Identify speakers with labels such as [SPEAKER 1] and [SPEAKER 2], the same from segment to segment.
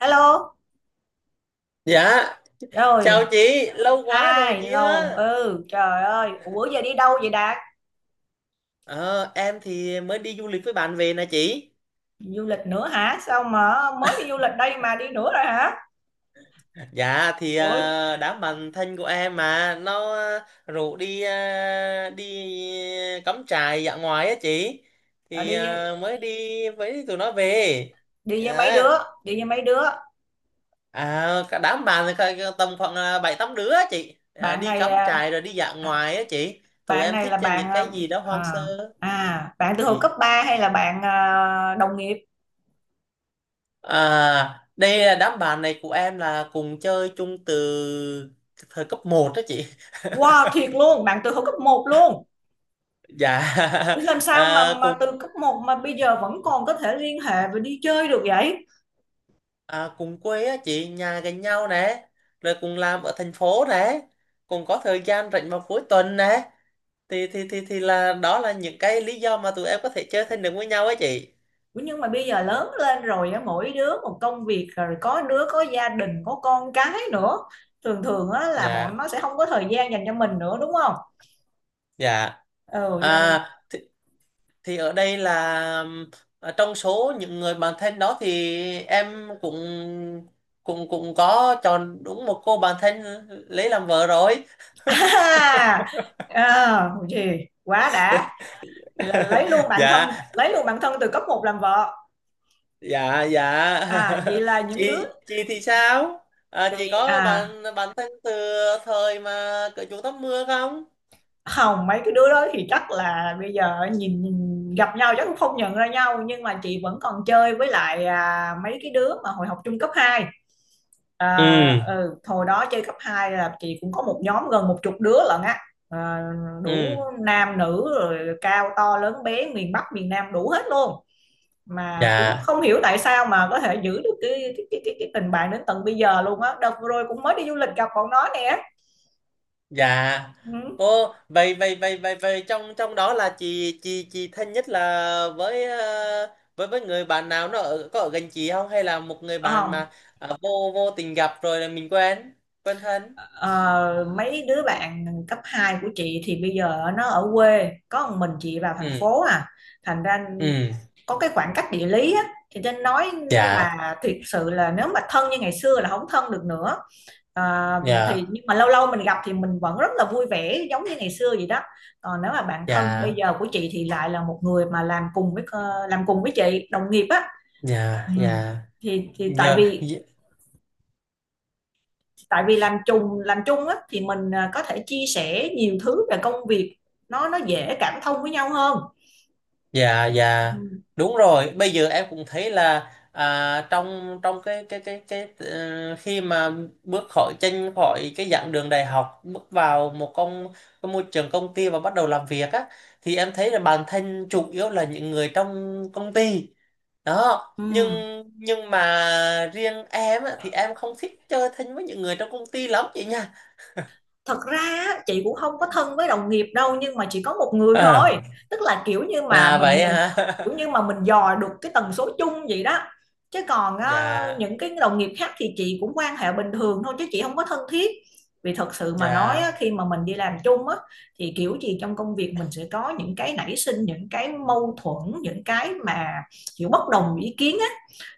[SPEAKER 1] Hello,
[SPEAKER 2] Dạ, chào
[SPEAKER 1] rồi,
[SPEAKER 2] chị, lâu quá rồi
[SPEAKER 1] hai
[SPEAKER 2] chị
[SPEAKER 1] lâu,
[SPEAKER 2] ha.
[SPEAKER 1] ừ, trời ơi, ủa, bữa giờ đi đâu vậy Đạt?
[SPEAKER 2] Ờ, em thì mới đi du lịch với bạn về nè chị.
[SPEAKER 1] Du lịch nữa hả? Sao mà mới đi du lịch đây mà đi nữa rồi hả?
[SPEAKER 2] Dạ thì
[SPEAKER 1] Ủa,
[SPEAKER 2] đám bạn thân của em mà nó rủ đi đi cắm trại dã ngoại á chị.
[SPEAKER 1] à,
[SPEAKER 2] Thì
[SPEAKER 1] đi
[SPEAKER 2] mới đi với tụi nó về.
[SPEAKER 1] đi với mấy đứa,
[SPEAKER 2] Dạ.
[SPEAKER 1] đi với mấy đứa.
[SPEAKER 2] À, cả đám bạn thì cả tầm khoảng bảy tám đứa á chị. À,
[SPEAKER 1] Bạn
[SPEAKER 2] đi
[SPEAKER 1] này,
[SPEAKER 2] cắm trại rồi đi dã
[SPEAKER 1] à,
[SPEAKER 2] ngoại á chị. Tụi
[SPEAKER 1] bạn
[SPEAKER 2] em
[SPEAKER 1] này là
[SPEAKER 2] thích
[SPEAKER 1] bạn,
[SPEAKER 2] những cái gì đó hoang
[SPEAKER 1] à,
[SPEAKER 2] sơ.
[SPEAKER 1] bạn từ
[SPEAKER 2] Ừ.
[SPEAKER 1] hồi cấp 3 hay là bạn, đồng nghiệp?
[SPEAKER 2] À, đây là đám bạn này của em là cùng chơi chung từ thời cấp một đó chị.
[SPEAKER 1] Wow, thiệt luôn, bạn từ hồi cấp một luôn.
[SPEAKER 2] Dạ.
[SPEAKER 1] Làm sao
[SPEAKER 2] À,
[SPEAKER 1] mà từ
[SPEAKER 2] cùng
[SPEAKER 1] cấp một mà bây giờ vẫn còn có thể liên hệ và đi chơi được vậy?
[SPEAKER 2] cùng quê á chị, nhà gần nhau nè, rồi cùng làm ở thành phố nè, cùng có thời gian rảnh vào cuối tuần nè. Thì là đó là những cái lý do mà tụi em có thể chơi thân được với nhau á chị.
[SPEAKER 1] Ủa, nhưng mà bây giờ lớn lên rồi á, mỗi đứa một công việc, rồi có đứa có gia đình có con cái nữa, thường thường á là bọn
[SPEAKER 2] Dạ.
[SPEAKER 1] nó sẽ không có thời gian dành cho mình nữa đúng không?
[SPEAKER 2] Dạ.
[SPEAKER 1] Ừ, vậy là
[SPEAKER 2] À thì ở đây là trong số những người bạn thân đó thì em cũng cũng cũng có chọn đúng một cô bạn thân lấy làm vợ rồi.
[SPEAKER 1] à, gì quá đã, vậy là lấy luôn bạn
[SPEAKER 2] Dạ,
[SPEAKER 1] thân, lấy luôn bạn thân từ cấp một làm vợ.
[SPEAKER 2] dạ, dạ.
[SPEAKER 1] À, vậy là những đứa
[SPEAKER 2] Chị thì sao? Chị
[SPEAKER 1] thì,
[SPEAKER 2] có
[SPEAKER 1] à
[SPEAKER 2] bạn bạn thân từ thời mà cởi chuồng tắm mưa không?
[SPEAKER 1] không, mấy cái đứa đó thì chắc là bây giờ nhìn, gặp nhau chắc cũng không nhận ra nhau, nhưng mà chị vẫn còn chơi với lại mấy cái đứa mà hồi học trung cấp hai. À,
[SPEAKER 2] Ừ,
[SPEAKER 1] ừ, hồi đó chơi cấp 2 là chị cũng có một nhóm gần một chục đứa lận á, à,
[SPEAKER 2] ừ.
[SPEAKER 1] đủ nam nữ rồi cao to lớn bé miền Bắc miền Nam đủ hết luôn, mà cũng
[SPEAKER 2] Dạ,
[SPEAKER 1] không hiểu tại sao mà có thể giữ được cái tình bạn đến tận bây giờ luôn á, đợt vừa rồi cũng mới đi du lịch gặp bọn nó nè.
[SPEAKER 2] dạ.
[SPEAKER 1] Ừ.
[SPEAKER 2] Ô, vậy vậy vậy vậy vậy trong trong đó là chị thân nhất là với với người bạn nào nó ở có ở gần chị không, hay là một người bạn
[SPEAKER 1] Ờ,
[SPEAKER 2] mà vô vô tình gặp rồi là mình quen, thân?
[SPEAKER 1] Ờ, mấy đứa bạn cấp 2 của chị thì bây giờ nó ở quê, có một mình chị vào thành
[SPEAKER 2] Ừ,
[SPEAKER 1] phố, thành ra
[SPEAKER 2] ừ.
[SPEAKER 1] có cái khoảng cách địa lý á, thì nên nói,
[SPEAKER 2] Dạ,
[SPEAKER 1] mà thiệt sự là nếu mà thân như ngày xưa là không thân được nữa. Ờ, thì
[SPEAKER 2] dạ,
[SPEAKER 1] nhưng mà lâu lâu mình gặp thì mình vẫn rất là vui vẻ giống như ngày xưa vậy đó. Còn nếu mà bạn thân bây
[SPEAKER 2] dạ,
[SPEAKER 1] giờ của chị thì lại là một người mà làm cùng với chị, đồng nghiệp á. Ừ.
[SPEAKER 2] dạ, dạ
[SPEAKER 1] Thì tại
[SPEAKER 2] giờ.
[SPEAKER 1] vì
[SPEAKER 2] Dạ,
[SPEAKER 1] làm chung, á thì mình có thể chia sẻ nhiều thứ về công việc, nó dễ cảm thông với nhau hơn.
[SPEAKER 2] dạ. dạ
[SPEAKER 1] Ừ.
[SPEAKER 2] đúng rồi, bây giờ em cũng thấy là trong trong khi mà bước khỏi chân khỏi cái giảng đường đại học, bước vào một công cái môi trường công ty và bắt đầu làm việc á, thì em thấy là bản thân chủ yếu là những người trong công ty đó,
[SPEAKER 1] Ừ.
[SPEAKER 2] nhưng mà riêng em á, thì em không thích chơi thân với những người trong công ty lắm chị nha.
[SPEAKER 1] Thật ra á, chị cũng không có thân với đồng nghiệp đâu, nhưng mà chỉ có một người thôi,
[SPEAKER 2] à,
[SPEAKER 1] tức là kiểu như mà
[SPEAKER 2] à vậy
[SPEAKER 1] mình
[SPEAKER 2] hả?
[SPEAKER 1] kiểu như mà mình dò được cái tần số chung vậy đó. Chứ còn á, những
[SPEAKER 2] Dạ,
[SPEAKER 1] cái đồng nghiệp khác thì chị cũng quan hệ bình thường thôi, chứ chị không có thân thiết. Vì thật sự mà nói á,
[SPEAKER 2] dạ,
[SPEAKER 1] khi mà mình đi làm chung á thì kiểu gì trong công việc mình sẽ có những cái nảy sinh, những cái mâu thuẫn, những cái mà kiểu bất đồng ý kiến á,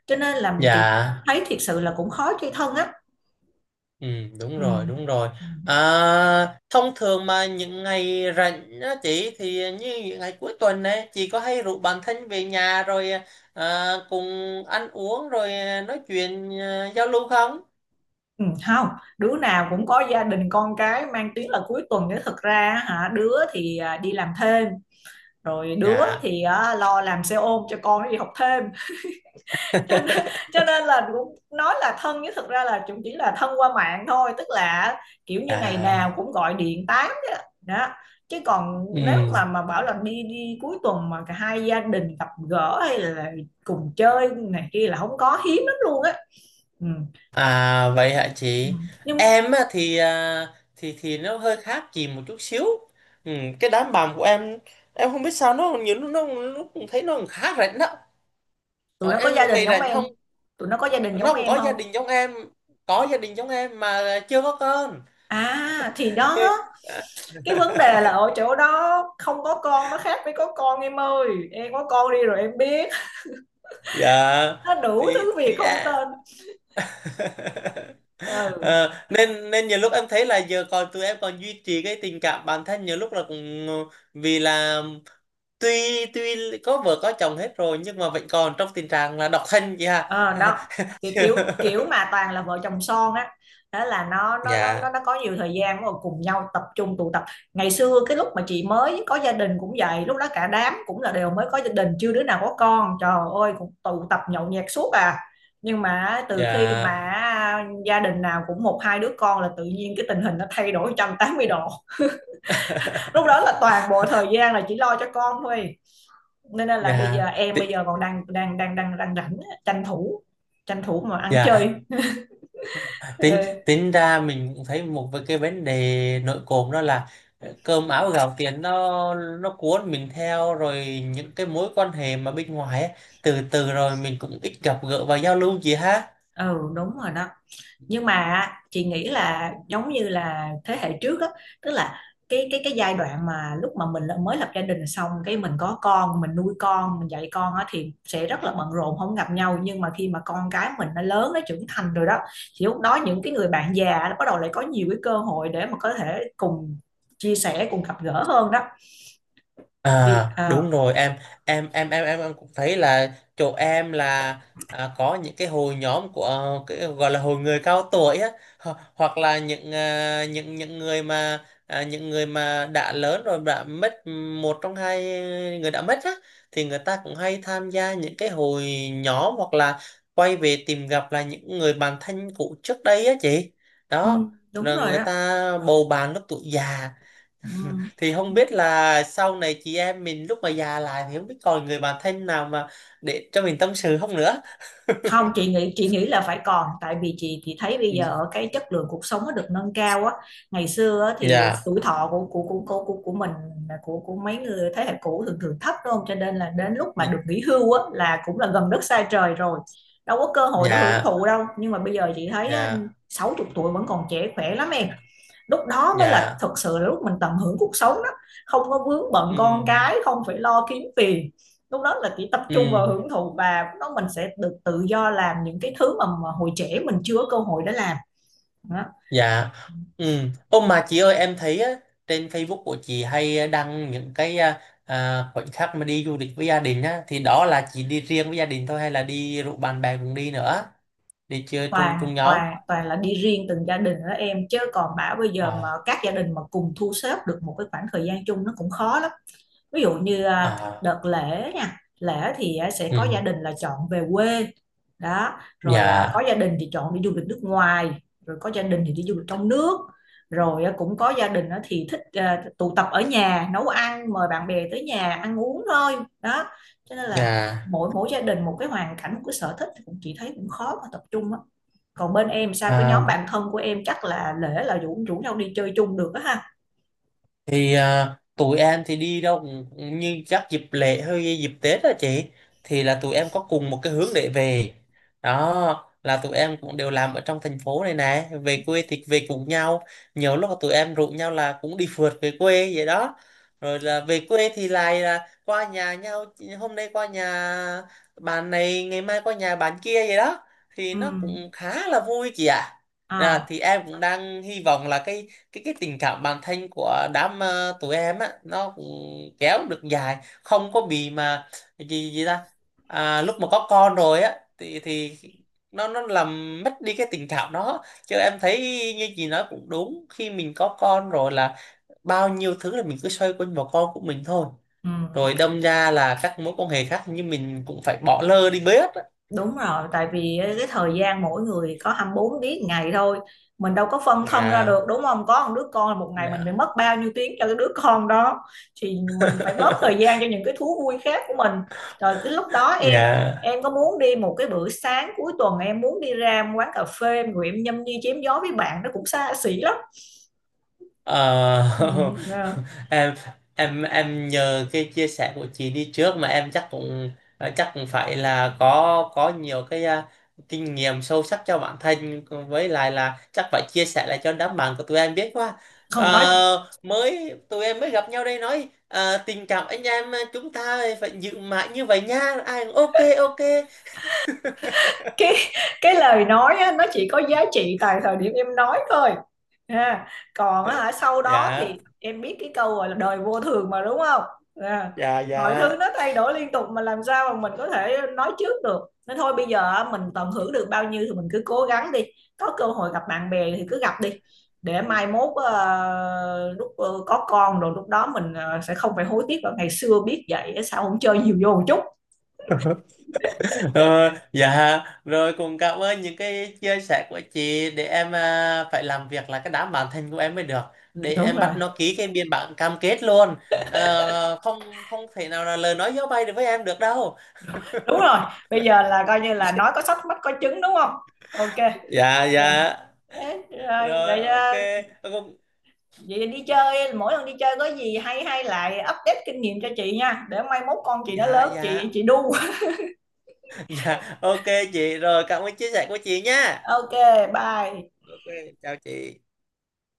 [SPEAKER 1] cho nên là chị
[SPEAKER 2] dạ.
[SPEAKER 1] thấy thiệt sự là cũng khó chơi thân á.
[SPEAKER 2] Ừ, đúng rồi, đúng rồi.
[SPEAKER 1] Ừ.
[SPEAKER 2] À, thông thường mà những ngày rảnh á chị, thì như những ngày cuối tuần ấy, chị có hay rủ bạn thân về nhà rồi cùng ăn uống, rồi nói chuyện, giao lưu không?
[SPEAKER 1] Ừ, không, đứa nào cũng có gia đình con cái, mang tiếng là cuối tuần nếu thực ra á hả, đứa thì đi làm thêm, rồi đứa
[SPEAKER 2] Dạ.
[SPEAKER 1] thì lo làm xe ôm cho con nó đi học thêm cho nên, cho nên là cũng nói là thân, nhưng thực ra là cũng chỉ là thân qua mạng thôi, tức là kiểu như ngày nào
[SPEAKER 2] À,
[SPEAKER 1] cũng gọi điện tám đó, đó. Chứ còn nếu
[SPEAKER 2] ừ.
[SPEAKER 1] mà bảo là đi đi cuối tuần mà cả hai gia đình gặp gỡ hay là cùng chơi này kia là không có hiếm lắm luôn á. Ừ.
[SPEAKER 2] À, vậy hả
[SPEAKER 1] Ừ.
[SPEAKER 2] chị?
[SPEAKER 1] Nhưng
[SPEAKER 2] Em á, thì à, thì thì nó hơi khác chị một chút xíu. Ừ, cái đám bạn của em không biết sao nó nhiều lúc nó cũng thấy nó khá rảnh đó. Ờ,
[SPEAKER 1] tụi nó có gia
[SPEAKER 2] em,
[SPEAKER 1] đình
[SPEAKER 2] mày
[SPEAKER 1] giống
[SPEAKER 2] rảnh không?
[SPEAKER 1] em, tụi nó có gia đình giống
[SPEAKER 2] Nó còn
[SPEAKER 1] em
[SPEAKER 2] có gia
[SPEAKER 1] không?
[SPEAKER 2] đình giống em. Có gia đình giống em mà chưa có con.
[SPEAKER 1] À thì đó, cái vấn đề là ở chỗ đó, không có con nó khác với có con, em ơi, em có con đi rồi em biết,
[SPEAKER 2] Dạ.
[SPEAKER 1] nó đủ thứ việc
[SPEAKER 2] Thì
[SPEAKER 1] không
[SPEAKER 2] à.
[SPEAKER 1] tên. Ừ.
[SPEAKER 2] Ờ, nên nên nhiều lúc em thấy là giờ còn tụi em còn duy trì cái tình cảm bản thân, nhiều lúc là cũng vì là tuy tuy có vợ có chồng hết rồi nhưng mà vẫn còn trong tình trạng là độc thân chị ha.
[SPEAKER 1] Ờ, đó, kiểu kiểu kiểu mà toàn là vợ chồng son á, thế là
[SPEAKER 2] Dạ,
[SPEAKER 1] nó có nhiều thời gian rồi cùng nhau tập trung tụ tập. Ngày xưa cái lúc mà chị mới có gia đình cũng vậy, lúc đó cả đám cũng là đều mới có gia đình, chưa đứa nào có con, trời ơi, cũng tụ tập nhậu nhẹt suốt à. Nhưng mà từ khi mà
[SPEAKER 2] dạ.
[SPEAKER 1] gia đình nào cũng một hai đứa con là tự nhiên cái tình hình nó thay đổi 180 độ. Lúc đó là toàn bộ thời gian là chỉ lo cho con thôi, nên là bây
[SPEAKER 2] Dạ.
[SPEAKER 1] giờ em bây
[SPEAKER 2] Thì-
[SPEAKER 1] giờ còn đang đang đang đang đang rảnh, tranh thủ tranh thủ mà ăn chơi.
[SPEAKER 2] dạ. tính
[SPEAKER 1] Ừ,
[SPEAKER 2] tính ra mình cũng thấy một cái vấn đề nội cộm đó là cơm áo gạo tiền nó cuốn mình theo rồi, những cái mối quan hệ mà bên ngoài ấy, từ từ rồi mình cũng ít gặp gỡ và giao lưu gì ha.
[SPEAKER 1] ừ đúng rồi đó. Nhưng mà chị nghĩ là giống như là thế hệ trước á, tức là cái giai đoạn mà lúc mà mình mới lập gia đình xong, cái mình có con mình nuôi con mình dạy con á thì sẽ rất là bận rộn không gặp nhau, nhưng mà khi mà con cái mình nó lớn nó trưởng thành rồi đó thì lúc đó những cái người bạn già nó bắt đầu lại có nhiều cái cơ hội để mà có thể cùng chia sẻ cùng gặp gỡ hơn đó, thì
[SPEAKER 2] À, đúng rồi cũng thấy là chỗ em là có những cái hội nhóm của cái gọi là hội người cao tuổi á, hoặc là những người mà đã lớn rồi đã mất, một trong hai người đã mất á, thì người ta cũng hay tham gia những cái hội nhóm, hoặc là quay về tìm gặp là những người bạn thân cũ trước đây á chị. Đó
[SPEAKER 1] ừm, đúng
[SPEAKER 2] là
[SPEAKER 1] rồi
[SPEAKER 2] người
[SPEAKER 1] đó.
[SPEAKER 2] ta bầu bạn lúc tuổi già.
[SPEAKER 1] Ừm.
[SPEAKER 2] Thì không biết là sau này chị em mình lúc mà già lại thì không biết còn người bạn thân nào mà để cho mình tâm sự không nữa.
[SPEAKER 1] Không, chị nghĩ là phải còn, tại vì chị thấy bây
[SPEAKER 2] Ừ.
[SPEAKER 1] giờ cái chất lượng cuộc sống nó được nâng cao á. Ngày xưa á, thì
[SPEAKER 2] Dạ.
[SPEAKER 1] tuổi thọ của mình, của mấy người thế hệ cũ thường thường thấp đúng không? Cho nên là đến lúc mà được
[SPEAKER 2] Nhị-
[SPEAKER 1] nghỉ hưu á là cũng là gần đất xa trời rồi. Đâu có cơ hội để hưởng
[SPEAKER 2] dạ,
[SPEAKER 1] thụ đâu. Nhưng mà bây giờ chị thấy á,
[SPEAKER 2] dạ,
[SPEAKER 1] 60 tuổi vẫn còn trẻ khỏe lắm em. Lúc đó mới là
[SPEAKER 2] dạ.
[SPEAKER 1] thật sự là lúc mình tận hưởng cuộc sống đó. Không có vướng bận
[SPEAKER 2] Ừ,
[SPEAKER 1] con cái, không phải lo kiếm tiền, lúc đó là chỉ tập trung
[SPEAKER 2] ừ.
[SPEAKER 1] vào hưởng thụ và nó mình sẽ được tự do làm những cái thứ mà hồi trẻ mình chưa có cơ hội để làm đó.
[SPEAKER 2] Dạ, ừ. Ô mà chị ơi, em thấy á, trên Facebook của chị hay đăng những cái khoảnh khắc mà đi du lịch với gia đình á, thì đó là chị đi riêng với gia đình thôi hay là đi rủ bạn bè cùng đi nữa, đi chơi chung,
[SPEAKER 1] Toàn
[SPEAKER 2] nhóm?
[SPEAKER 1] toàn Toàn là đi riêng từng gia đình đó em, chứ còn bảo bây giờ mà
[SPEAKER 2] À,
[SPEAKER 1] các gia đình mà cùng thu xếp được một cái khoảng thời gian chung nó cũng khó lắm. Ví dụ như
[SPEAKER 2] à,
[SPEAKER 1] đợt lễ nha, lễ thì sẽ
[SPEAKER 2] ừ.
[SPEAKER 1] có gia đình là chọn về quê, đó, rồi có
[SPEAKER 2] Dạ,
[SPEAKER 1] gia đình thì chọn đi du lịch nước ngoài, rồi có gia đình thì đi du lịch trong nước, rồi cũng có gia đình á thì thích tụ tập ở nhà nấu ăn mời bạn bè tới nhà ăn uống thôi, đó, cho nên là
[SPEAKER 2] dạ,
[SPEAKER 1] mỗi mỗi gia đình một cái hoàn cảnh một cái sở thích thì cũng chị thấy cũng khó mà tập trung á. Còn bên em sao cái nhóm
[SPEAKER 2] à.
[SPEAKER 1] bạn thân của em chắc là lễ là rủ rủ nhau đi chơi chung được á ha.
[SPEAKER 2] Thì tụi em thì đi đâu cũng, như các dịp lễ hay dịp Tết đó chị, thì là tụi em có cùng một cái hướng để về. Đó là tụi em cũng đều làm ở trong thành phố này nè, về quê thì về cùng nhau, nhiều lúc là tụi em rủ nhau là cũng đi phượt về quê vậy đó. Rồi là về quê thì lại là qua nhà nhau, hôm nay qua nhà bạn này, ngày mai qua nhà bạn kia vậy đó, thì
[SPEAKER 1] Ừ.
[SPEAKER 2] nó cũng khá là vui chị ạ.
[SPEAKER 1] À.
[SPEAKER 2] Thì em cũng đang hy vọng là cái tình cảm bản thân của đám tụi em á nó cũng kéo được dài, không có bị mà gì gì ta, lúc mà có con rồi á thì nó làm mất đi cái tình cảm đó. Chứ em thấy như chị nói cũng đúng, khi mình có con rồi là bao nhiêu thứ là mình cứ xoay quanh vào con của mình thôi,
[SPEAKER 1] Ừ.
[SPEAKER 2] rồi đâm ra là các mối quan hệ khác như mình cũng phải bỏ lơ đi bớt á.
[SPEAKER 1] Đúng rồi, tại vì cái thời gian mỗi người có 24 tiếng ngày thôi. Mình đâu có phân thân ra
[SPEAKER 2] À.
[SPEAKER 1] được đúng không? Có một đứa con một ngày mình phải
[SPEAKER 2] Dạ.
[SPEAKER 1] mất bao nhiêu tiếng cho cái đứa con đó thì mình phải bớt thời gian cho những cái thú vui khác của mình. Rồi cái lúc đó em
[SPEAKER 2] Dạ.
[SPEAKER 1] em có muốn đi một cái bữa sáng cuối tuần, em muốn đi ra một quán cà phê rồi em nhâm nhi chém gió với bạn nó cũng xa xỉ lắm. Ừ,
[SPEAKER 2] Ờ.
[SPEAKER 1] à,
[SPEAKER 2] em em nhờ cái chia sẻ của chị đi trước mà em chắc cũng, chắc cũng phải là có, nhiều cái kinh nghiệm sâu sắc cho bản thân, với lại là chắc phải chia sẻ lại cho đám bạn của tụi em biết quá.
[SPEAKER 1] không nói,
[SPEAKER 2] Ờ, mới tụi em mới gặp nhau đây nói tình cảm anh em, chúng ta phải giữ mãi như vậy nha. Ai cũng ok, ok.
[SPEAKER 1] cái cái lời nói á, nó chỉ có giá trị tại thời điểm em nói thôi. À, còn á hả, sau đó
[SPEAKER 2] Dạ,
[SPEAKER 1] thì em biết cái câu gọi là đời vô thường mà đúng không? À,
[SPEAKER 2] dạ,
[SPEAKER 1] mọi
[SPEAKER 2] dạ.
[SPEAKER 1] thứ nó thay đổi liên tục mà làm sao mà mình có thể nói trước được. Nên thôi bây giờ á, mình tận hưởng được bao nhiêu thì mình cứ cố gắng đi. Có cơ hội gặp bạn bè thì cứ gặp đi. Để mai mốt lúc có con rồi lúc đó mình sẽ không phải hối tiếc là ngày xưa biết vậy á, sao không chơi nhiều vô một chút.
[SPEAKER 2] Ờ, dạ rồi, cũng cảm ơn những cái chia sẻ của chị để em phải làm việc là cái đám bản thân của em mới được, để
[SPEAKER 1] Đúng
[SPEAKER 2] em bắt
[SPEAKER 1] rồi.
[SPEAKER 2] nó ký cái biên bản cam kết luôn. Ờ, không không thể nào là lời nói gió bay được với em được đâu.
[SPEAKER 1] Đúng rồi. Bây giờ là coi như là nói có sách mách có chứng đúng không? Ok.
[SPEAKER 2] Dạ,
[SPEAKER 1] Rồi,
[SPEAKER 2] dạ
[SPEAKER 1] ê, rồi,
[SPEAKER 2] rồi,
[SPEAKER 1] rồi,
[SPEAKER 2] ok. Ờ,
[SPEAKER 1] vậy đi chơi mỗi lần đi chơi có gì hay hay lại update kinh nghiệm cho chị nha, để mai mốt con chị nó
[SPEAKER 2] dạ,
[SPEAKER 1] lớn chị
[SPEAKER 2] dạ.
[SPEAKER 1] đu
[SPEAKER 2] Dạ, ok chị. Rồi cảm ơn chia sẻ của chị nha.
[SPEAKER 1] ok bye
[SPEAKER 2] Ok, chào chị.